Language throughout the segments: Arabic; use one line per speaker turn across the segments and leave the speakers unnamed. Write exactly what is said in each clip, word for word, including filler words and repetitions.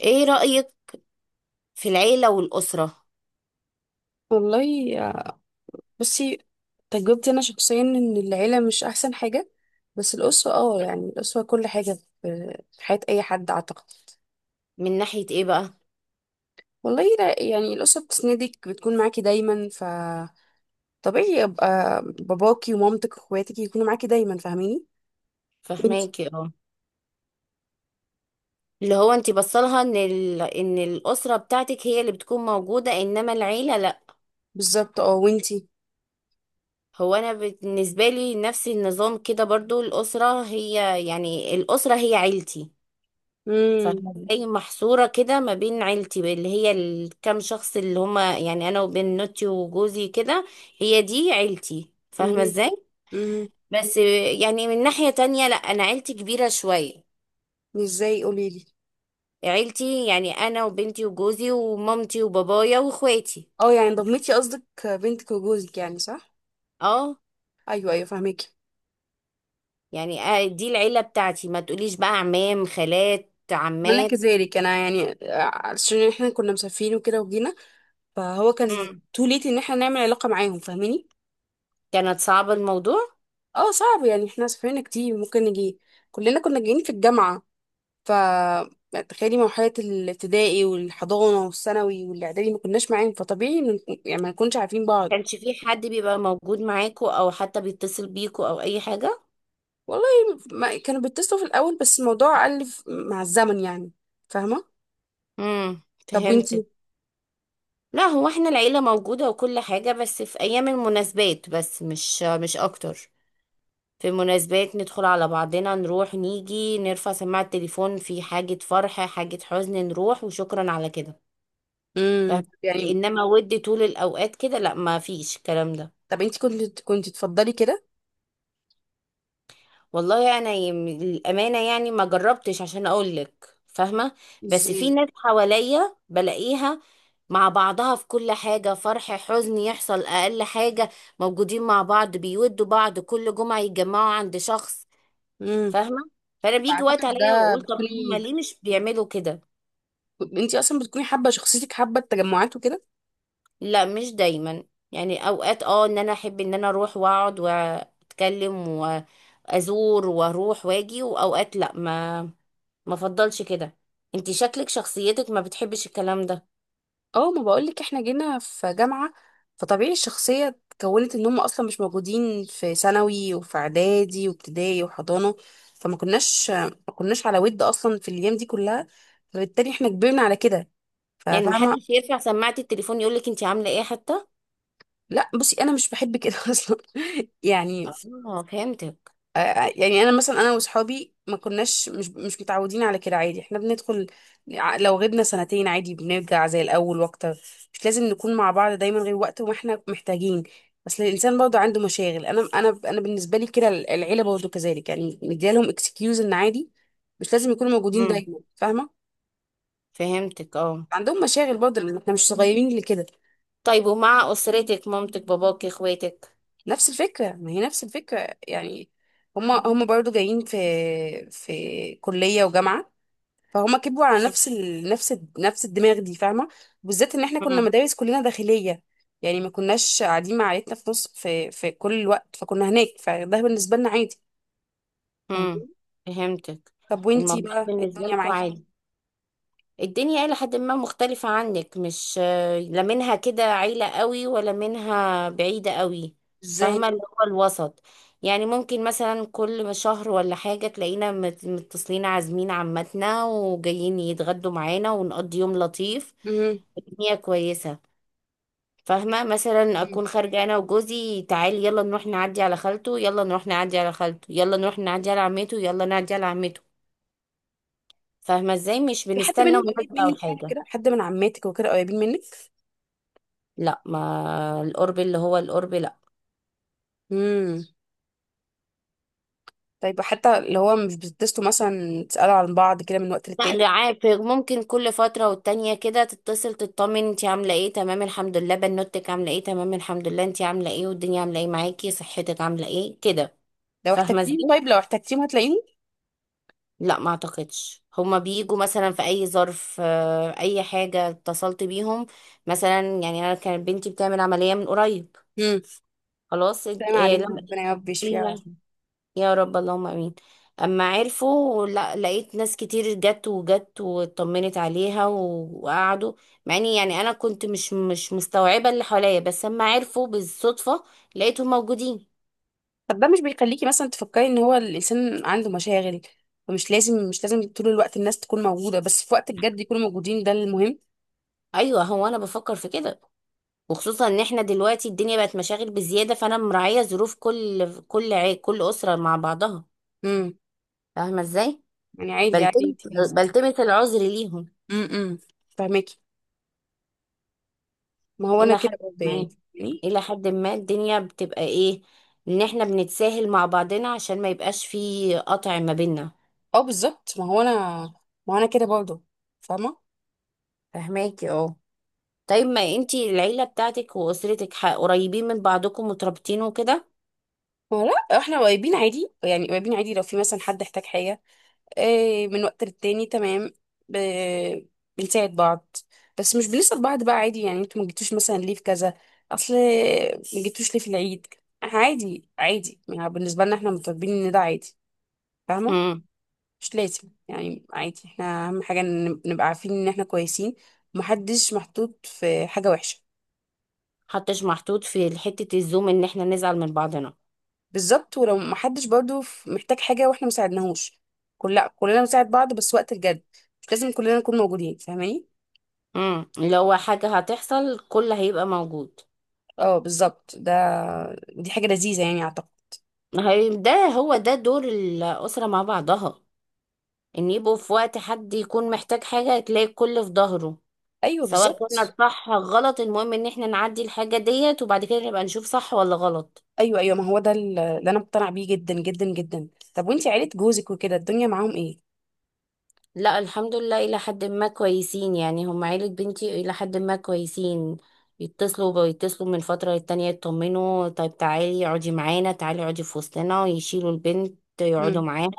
ايه رأيك في العيلة والأسرة؟
والله آه، بصي. تجربتي انا شخصيا ان العيله مش احسن حاجه. بس الاسره اه يعني الاسره كل حاجه في في حياه اي حد اعتقد.
من ناحية ايه بقى؟
والله لا، يعني الاسره بتسندك، بتكون معاكي دايما. ف طبيعي يبقى باباكي ومامتك واخواتك يكونوا معاكي دايما، فاهميني؟ وانتي؟
فهماكي، اه. اللي هو انتي بصلها ان ال... ان الأسرة بتاعتك هي اللي بتكون موجودة، انما العيلة لا.
بالظبط اه، وانتي؟
هو انا بالنسبة لي نفس النظام كده برضو، الأسرة هي يعني الأسرة هي عيلتي.
امم.
فاهمة؟ زي محصورة كده ما بين عيلتي اللي هي الكام شخص اللي هما يعني انا وبنوتي وجوزي كده. هي دي عيلتي، فاهمة
امم.
ازاي؟
امم.
بس يعني من ناحية تانية لا، انا عيلتي كبيرة شوية.
ازاي؟ قوليلي.
عيلتي يعني انا وبنتي وجوزي ومامتي وبابايا واخواتي.
اه، يعني ضمتي قصدك بنتك وجوزك يعني، صح؟
اه
ايوه ايوه، فاهمك.
يعني آه، دي العيله بتاعتي، ما تقوليش بقى عمام خالات
انا
عمات.
كذلك، انا يعني عشان احنا كنا مسافرين وكده وجينا. فهو كان
مم.
تو ليت ان احنا نعمل علاقه معاهم، فاهماني؟
كانت صعبة الموضوع.
اه صعب، يعني احنا سافرنا كتير، ممكن نجي كلنا كنا جايين في الجامعه. ف تخيلي مرحله الابتدائي والحضانه والثانوي والاعدادي ما كناش معاهم، فطبيعي إن- يعني ما نكونش عارفين بعض.
كانش في حد بيبقى موجود معاكو او حتى بيتصل بيكو او اي حاجه؟
والله ما كانوا بيتصلوا في الاول، بس الموضوع قل ف- مع الزمن يعني، فاهمه؟
امم.
طب
فهمتك.
وانتي؟
لا هو احنا العيله موجوده وكل حاجه، بس في ايام المناسبات بس، مش مش اكتر. في مناسبات ندخل على بعضنا، نروح نيجي نرفع سماعة التليفون، في حاجة فرح حاجة حزن نروح، وشكرا على كده. فاهم؟
امم يعني.
انما ود طول الاوقات كده لا، ما فيش الكلام ده.
طب انتي كنت كنت تفضلي كده؟
والله انا يم... الامانة يعني ما جربتش عشان اقول لك، فاهمة؟ بس في
ازاي؟
ناس حواليا بلاقيها مع بعضها في كل حاجة، فرح حزن يحصل اقل حاجة موجودين مع بعض، بيودوا بعض، كل جمعة يتجمعوا عند شخص. فاهمه؟ فانا بيجي وقت
اعتقد
عليا
ده
واقول طب هم
بتكوني،
ليه مش بيعملوا كده؟
انتي اصلا بتكوني حابه شخصيتك، حابه التجمعات وكده.
لا مش دايما، يعني اوقات اه ان انا احب ان انا اروح واقعد واتكلم وازور واروح واجي، واوقات لا ما ما افضلش كده. انت شكلك شخصيتك ما بتحبش الكلام ده.
اه، ما بقولك احنا جينا في جامعه، فطبيعي الشخصيه اتكونت ان هم اصلا مش موجودين في ثانوي وفي اعدادي وابتدائي وحضانه. فما كناش ما كناش على ود اصلا في الايام دي كلها، فبالتالي احنا كبرنا على كده،
يعني محدش
ففاهمه.
يرفع سماعة التليفون يقولك انت عامله ايه حتى؟
لا، بصي انا مش بحب كده اصلا يعني.
اه، فهمتك.
آه، يعني انا مثلا انا واصحابي ما كناش مش مش متعودين على كده، عادي احنا بندخل. ع- لو غبنا سنتين عادي بنرجع زي الاول واكتر. مش لازم نكون مع بعض دايما، غير وقت وما احنا محتاجين. بس الانسان برضه عنده مشاغل. انا انا انا بالنسبه لي كده، العيله برضه كذلك يعني، مديالهم اكسكيوز ان عادي. مش لازم يكونوا موجودين
امم،
دايما، فاهمه؟
فهمتك اه.
عندهم مشاغل برضه، لان احنا مش صغيرين لكده.
طيب ومع اسرتك، مامتك باباك اخواتك؟
نفس الفكره، ما هي نفس الفكره يعني. هما هما برضه جايين في في كليه وجامعه. فهما كبروا على نفس ال... نفس ال... نفس الدماغ دي، فاهمه؟ بالذات ان احنا كنا
مم.
مدارس كلنا داخليه. يعني ما كناش قاعدين مع عيلتنا في نص في في كل الوقت، فكنا هناك، فده بالنسبه لنا عادي.
امم،
فاهمين؟
فهمتك.
طب وانتي
الموضوع
بقى
بالنسبة
الدنيا
لكم
معاكي
عادي. الدنيا إلى حد ما مختلفة عنك، مش آه، لا منها كده عيلة قوي ولا منها بعيدة قوي.
ازاي؟
فاهمة؟ اللي هو الوسط. يعني ممكن مثلا كل شهر ولا حاجة تلاقينا مت- متصلين، عازمين عمتنا وجايين يتغدوا معانا ونقضي يوم لطيف.
امم.
الدنيا كويسة. فاهمة؟ مثلا أكون خارجة أنا وجوزي، تعالي يلا نروح نعدي على خالته، يلا نروح نعدي على خالته، يلا نروح نعدي على عمته، يلا نعدي على عمته. فاهمة ازاي؟ مش
في حد
بنستنى
منهم قريب
مناسبة او
منك يعني؟
حاجة.
كده حد من عماتك وكده قريبين منك؟
لا، ما القرب اللي هو القرب لا.
امم. طيب حتى اللي هو مش بتتصلوا مثلا، تسالوا عن بعض كده من وقت
لا
للتاني؟
ده عارف ممكن كل فترة والتانية كده تتصل تطمن، انتي عاملة ايه، تمام الحمد لله، بنوتك عاملة ايه، تمام الحمد لله، انتي عاملة ايه، والدنيا عاملة ايه معاكي، صحتك عاملة ايه كده.
لو
فاهمة
احتجتيهم،
ازاي؟
طيب لو احتجتيهم هتلاقيهم؟
لا ما اعتقدش، هما بيجوا مثلا في اي ظرف، آه، اي حاجة اتصلت بيهم. مثلا يعني انا كانت بنتي بتعمل عملية من قريب.
امم.
خلاص، اد-
سلام
إيه.
علينا،
لما
ربنا يا رب يشفيها.
يا رب، اللهم امين. اما عرفوا، لا، لقيت ناس كتير جت وجت واطمنت عليها و- وقعدوا، مع اني يعني انا كنت مش مش مستوعبه اللي حواليا، بس اما عرفوا بالصدفه لقيتهم موجودين.
طب ده مش بيخليكي مثلا تفكري ان هو الانسان عنده مشاغل؟ فمش لازم مش لازم طول الوقت الناس تكون موجوده، بس في وقت الجد يكونوا موجودين، ده المهم.
ايوه هو انا بفكر في كده، وخصوصا ان احنا دلوقتي الدنيا بقت مشاغل بزياده، فانا مراعيه ظروف كل كل عي... كل اسره مع بعضها.
امم
فاهمه ازاي؟
يعني. عادي عادي
بلتمس
انت بالنسبه.
بلتمس العذر ليهم.
امم، فاهماكي. ما هو انا
إلى
كده
حد
برضه يعني.
ما
يعني.
إلى حد ما الدنيا بتبقى إيه، إن إحنا بنتساهل مع بعضنا عشان ما يبقاش في قطع ما بينا.
اه بالظبط، ما هو انا. ما هو انا كده برضه. فاهمه.
فهماكي اه. طيب ما انتي العيلة بتاعتك وأسرتك ح- قريبين من بعضكم مترابطين وكده؟
ما هو لا، احنا قريبين عادي يعني، قريبين عادي. لو في مثلا حد احتاج حاجه آه، من وقت للتاني تمام. ب... بنساعد بعض. بس مش بنسأل بعض بقى. عادي يعني انتوا ما جيتوش مثلا ليه في كذا. اصل ما جيتوش ليه في العيد. عادي عادي، يعني بالنسبة لنا احنا متربيين ان ده عادي، فاهمة؟
امم،
مش لازم يعني. عادي، احنا اهم حاجة إن نبقى عارفين ان احنا كويسين ومحدش محطوط في حاجة وحشة.
حتش محطوط في حتة الزوم إن إحنا نزعل من بعضنا.
بالظبط. ولو محدش برضو في- محتاج حاجة واحنا مساعدناهوش. كل لا، كلنا بنساعد بعض، بس وقت الجد. مش لازم كلنا نكون موجودين، فاهماني؟
امم، لو حاجة هتحصل كل هيبقى موجود.
اه بالظبط ده. دي حاجة لذيذة يعني اعتقد.
هي- ده هو ده دور الأسرة مع بعضها، إن يبقوا في وقت حد يكون محتاج حاجة تلاقي الكل في ظهره.
ايوه
سواء كنا
بالظبط.
صح غلط، المهم ان احنا نعدي الحاجة ديت، وبعد كده نبقى نشوف صح ولا غلط.
ايوه ايوه، ما هو ده ال- اللي انا مقتنعة بيه جدا جدا جدا. طب وانتي عيلة جوزك وكده، الدنيا معاهم ايه؟
لا الحمد لله، الى حد ما كويسين، يعني هم عيلة بنتي الى حد ما كويسين. يتصلوا بيتصلوا من فترة للتانية يطمنوا، طيب تعالي اقعدي معانا، تعالي اقعدي في وسطنا، ويشيلوا البنت يقعدوا
مم.
معانا.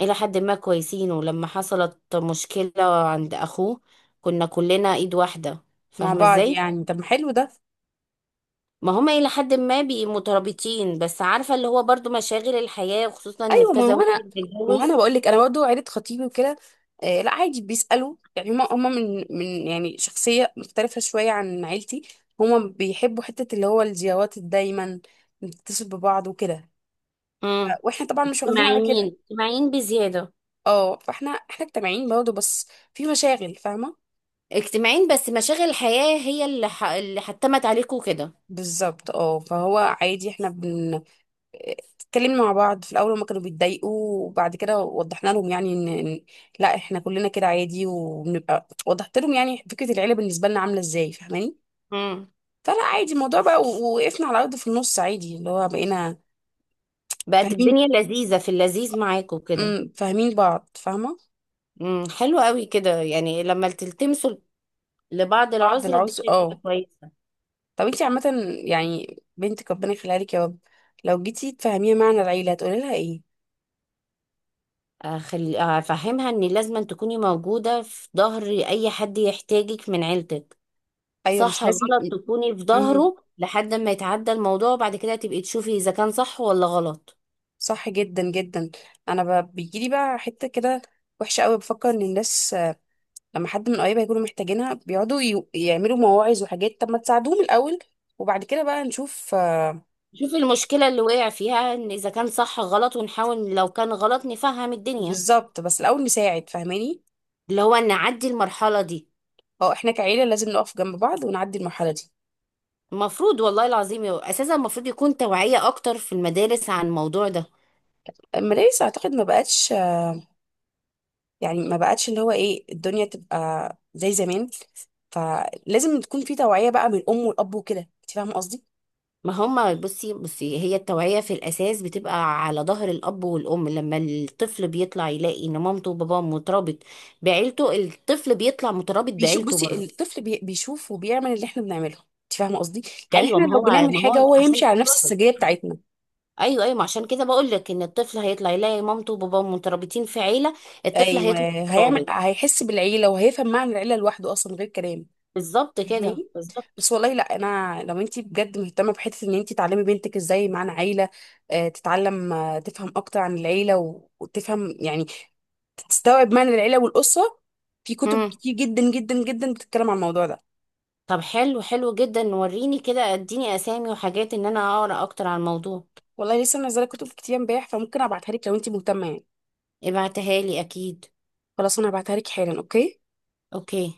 الى حد ما كويسين. ولما حصلت مشكلة عند اخوه كنا كلنا ايد واحدة،
مع
فاهمة
بعض
ازاي؟
يعني، طب ما حلو ده.
ما هما إلى حد ما بي مترابطين، بس عارفة اللي هو برضو مشاغل الحياة، وخصوصا إن
ايوه، ما
كذا
هو
واحد
انا ما هو انا
بيتجوز.
بقول لك، انا برضه عيلة خطيبي وكده. آه لا، عادي، بيسألوا يعني. هما هما من من يعني شخصية مختلفة شوية عن عيلتي. هما بيحبوا حتة اللي هو الزيارات دايما، نتصل ببعض وكده.
امم.
واحنا طبعا مش واخدين على
اجتماعيين،
كده.
اجتماعيين بزيادة.
اه، فاحنا احنا اجتماعيين برضه، بس في مشاغل، فاهمه؟
اجتماعيين، بس مشاغل الحياة هي اللي ح... اللي حتمت عليكوا كده.
بالظبط اه، فهو عادي. احنا بن اتكلمنا مع بعض في الاول، هما كانوا بيتضايقوا. وبعد كده وضحنا لهم يعني ان إن لا احنا كلنا كده عادي وبنبقى. وضحت لهم يعني فكره العيله بالنسبه لنا عامله ازاي، فاهماني؟
امم.
فلا عادي، الموضوع بقى و- وقفنا على الارض في النص، عادي، اللي هو بقينا
بقت
فاهمين.
الدنيا لذيذة، في اللذيذ معاكوا كده.
امم، فاهمين بعض، فاهمه.
امم، حلو قوي كده، يعني لما تلتمسوا لبعض
بعض
العذر
العذر
الدنيا تبقى
اه.
كويسة.
طب انتي عامه. يعني بنتك ربنا يخليها لك يا رب، لو جيتي تفهميها معنى العيله هتقولي لها ايه؟
أخل... أفهمها إن لازم تكوني موجودة في ظهر أي حد يحتاجك من عيلتك.
ايوه،
صح
مش لازم.
غلط تكوني في
امم.
ظهره لحد ما يتعدى الموضوع، وبعد كده تبقي تشوفي اذا كان صح ولا غلط.
صح جدا جدا. انا ب... بيجيلي بقى حته كده وحشه قوي، بفكر ان الناس آه، لما حد من قرايبها يكونوا محتاجينها بيقعدوا ي... يعملوا مواعظ وحاجات. طب ما تساعدوهم الاول وبعد كده بقى نشوف. آه،
شوفي المشكلة اللي وقع فيها، ان اذا كان صح غلط، ونحاول لو كان غلط نفهم الدنيا،
بالظبط، بس الاول نساعد، فاهماني؟
اللي هو نعدي المرحلة دي.
اه، احنا كعيله لازم نقف جنب بعض ونعدي المرحله دي.
المفروض والله العظيم، يو- اساسا المفروض يكون توعية اكتر في المدارس عن الموضوع ده.
المدارس اعتقد ما بقتش. آه، يعني ما بقتش اللي هو ايه الدنيا تبقى زي زمان، فلازم تكون في توعيه بقى من الام والاب وكده، انت فاهمه قصدي؟
ما هما، بصي بصي، هي التوعية في الاساس بتبقى على ظهر الاب والام. لما الطفل بيطلع يلاقي ان مامته وباباه مترابط بعيلته، الطفل بيطلع مترابط
بيشوف،
بعيلته
بصي
برضه.
الطفل بي- بيشوف وبيعمل اللي احنا بنعمله، انت فاهمه قصدي؟ يعني
ايوه
احنا
ما
لو
هو
بنعمل
ما
حاجه
هو
هو
عشان،
هيمشي على نفس السجيه بتاعتنا.
ايوه ايوه، ما عشان كده بقول لك ان الطفل هيطلع يلاقي مامته وباباه مترابطين في عيله، الطفل
ايوه،
هيطلع
هيعمل،
مترابط.
هيحس بالعيله وهيفهم معنى العيله لوحده، اصلا من غير كلام،
بالظبط كده،
فاهماني؟
بالظبط.
بس والله لا، انا لو انت بجد مهتمه بحته ان انت تعلمي بنتك ازاي معنى عيله، آه، تتعلم آه، تفهم اكتر عن العيله و- وتفهم يعني، تستوعب معنى العيله والاسره. في كتب
امم.
كتير جدا جدا جدا بتتكلم عن الموضوع ده.
طب حلو، حلو جدا، وريني كده، اديني اسامي وحاجات ان انا اقرا اكتر عن الموضوع.
والله لسه منزله كتب كتير امبارح، فممكن ابعتها لك لو انت مهتمه يعني.
ابعتها لي اكيد.
خلاص، انا هبعتها لك حالا. اوكي.
اوكي.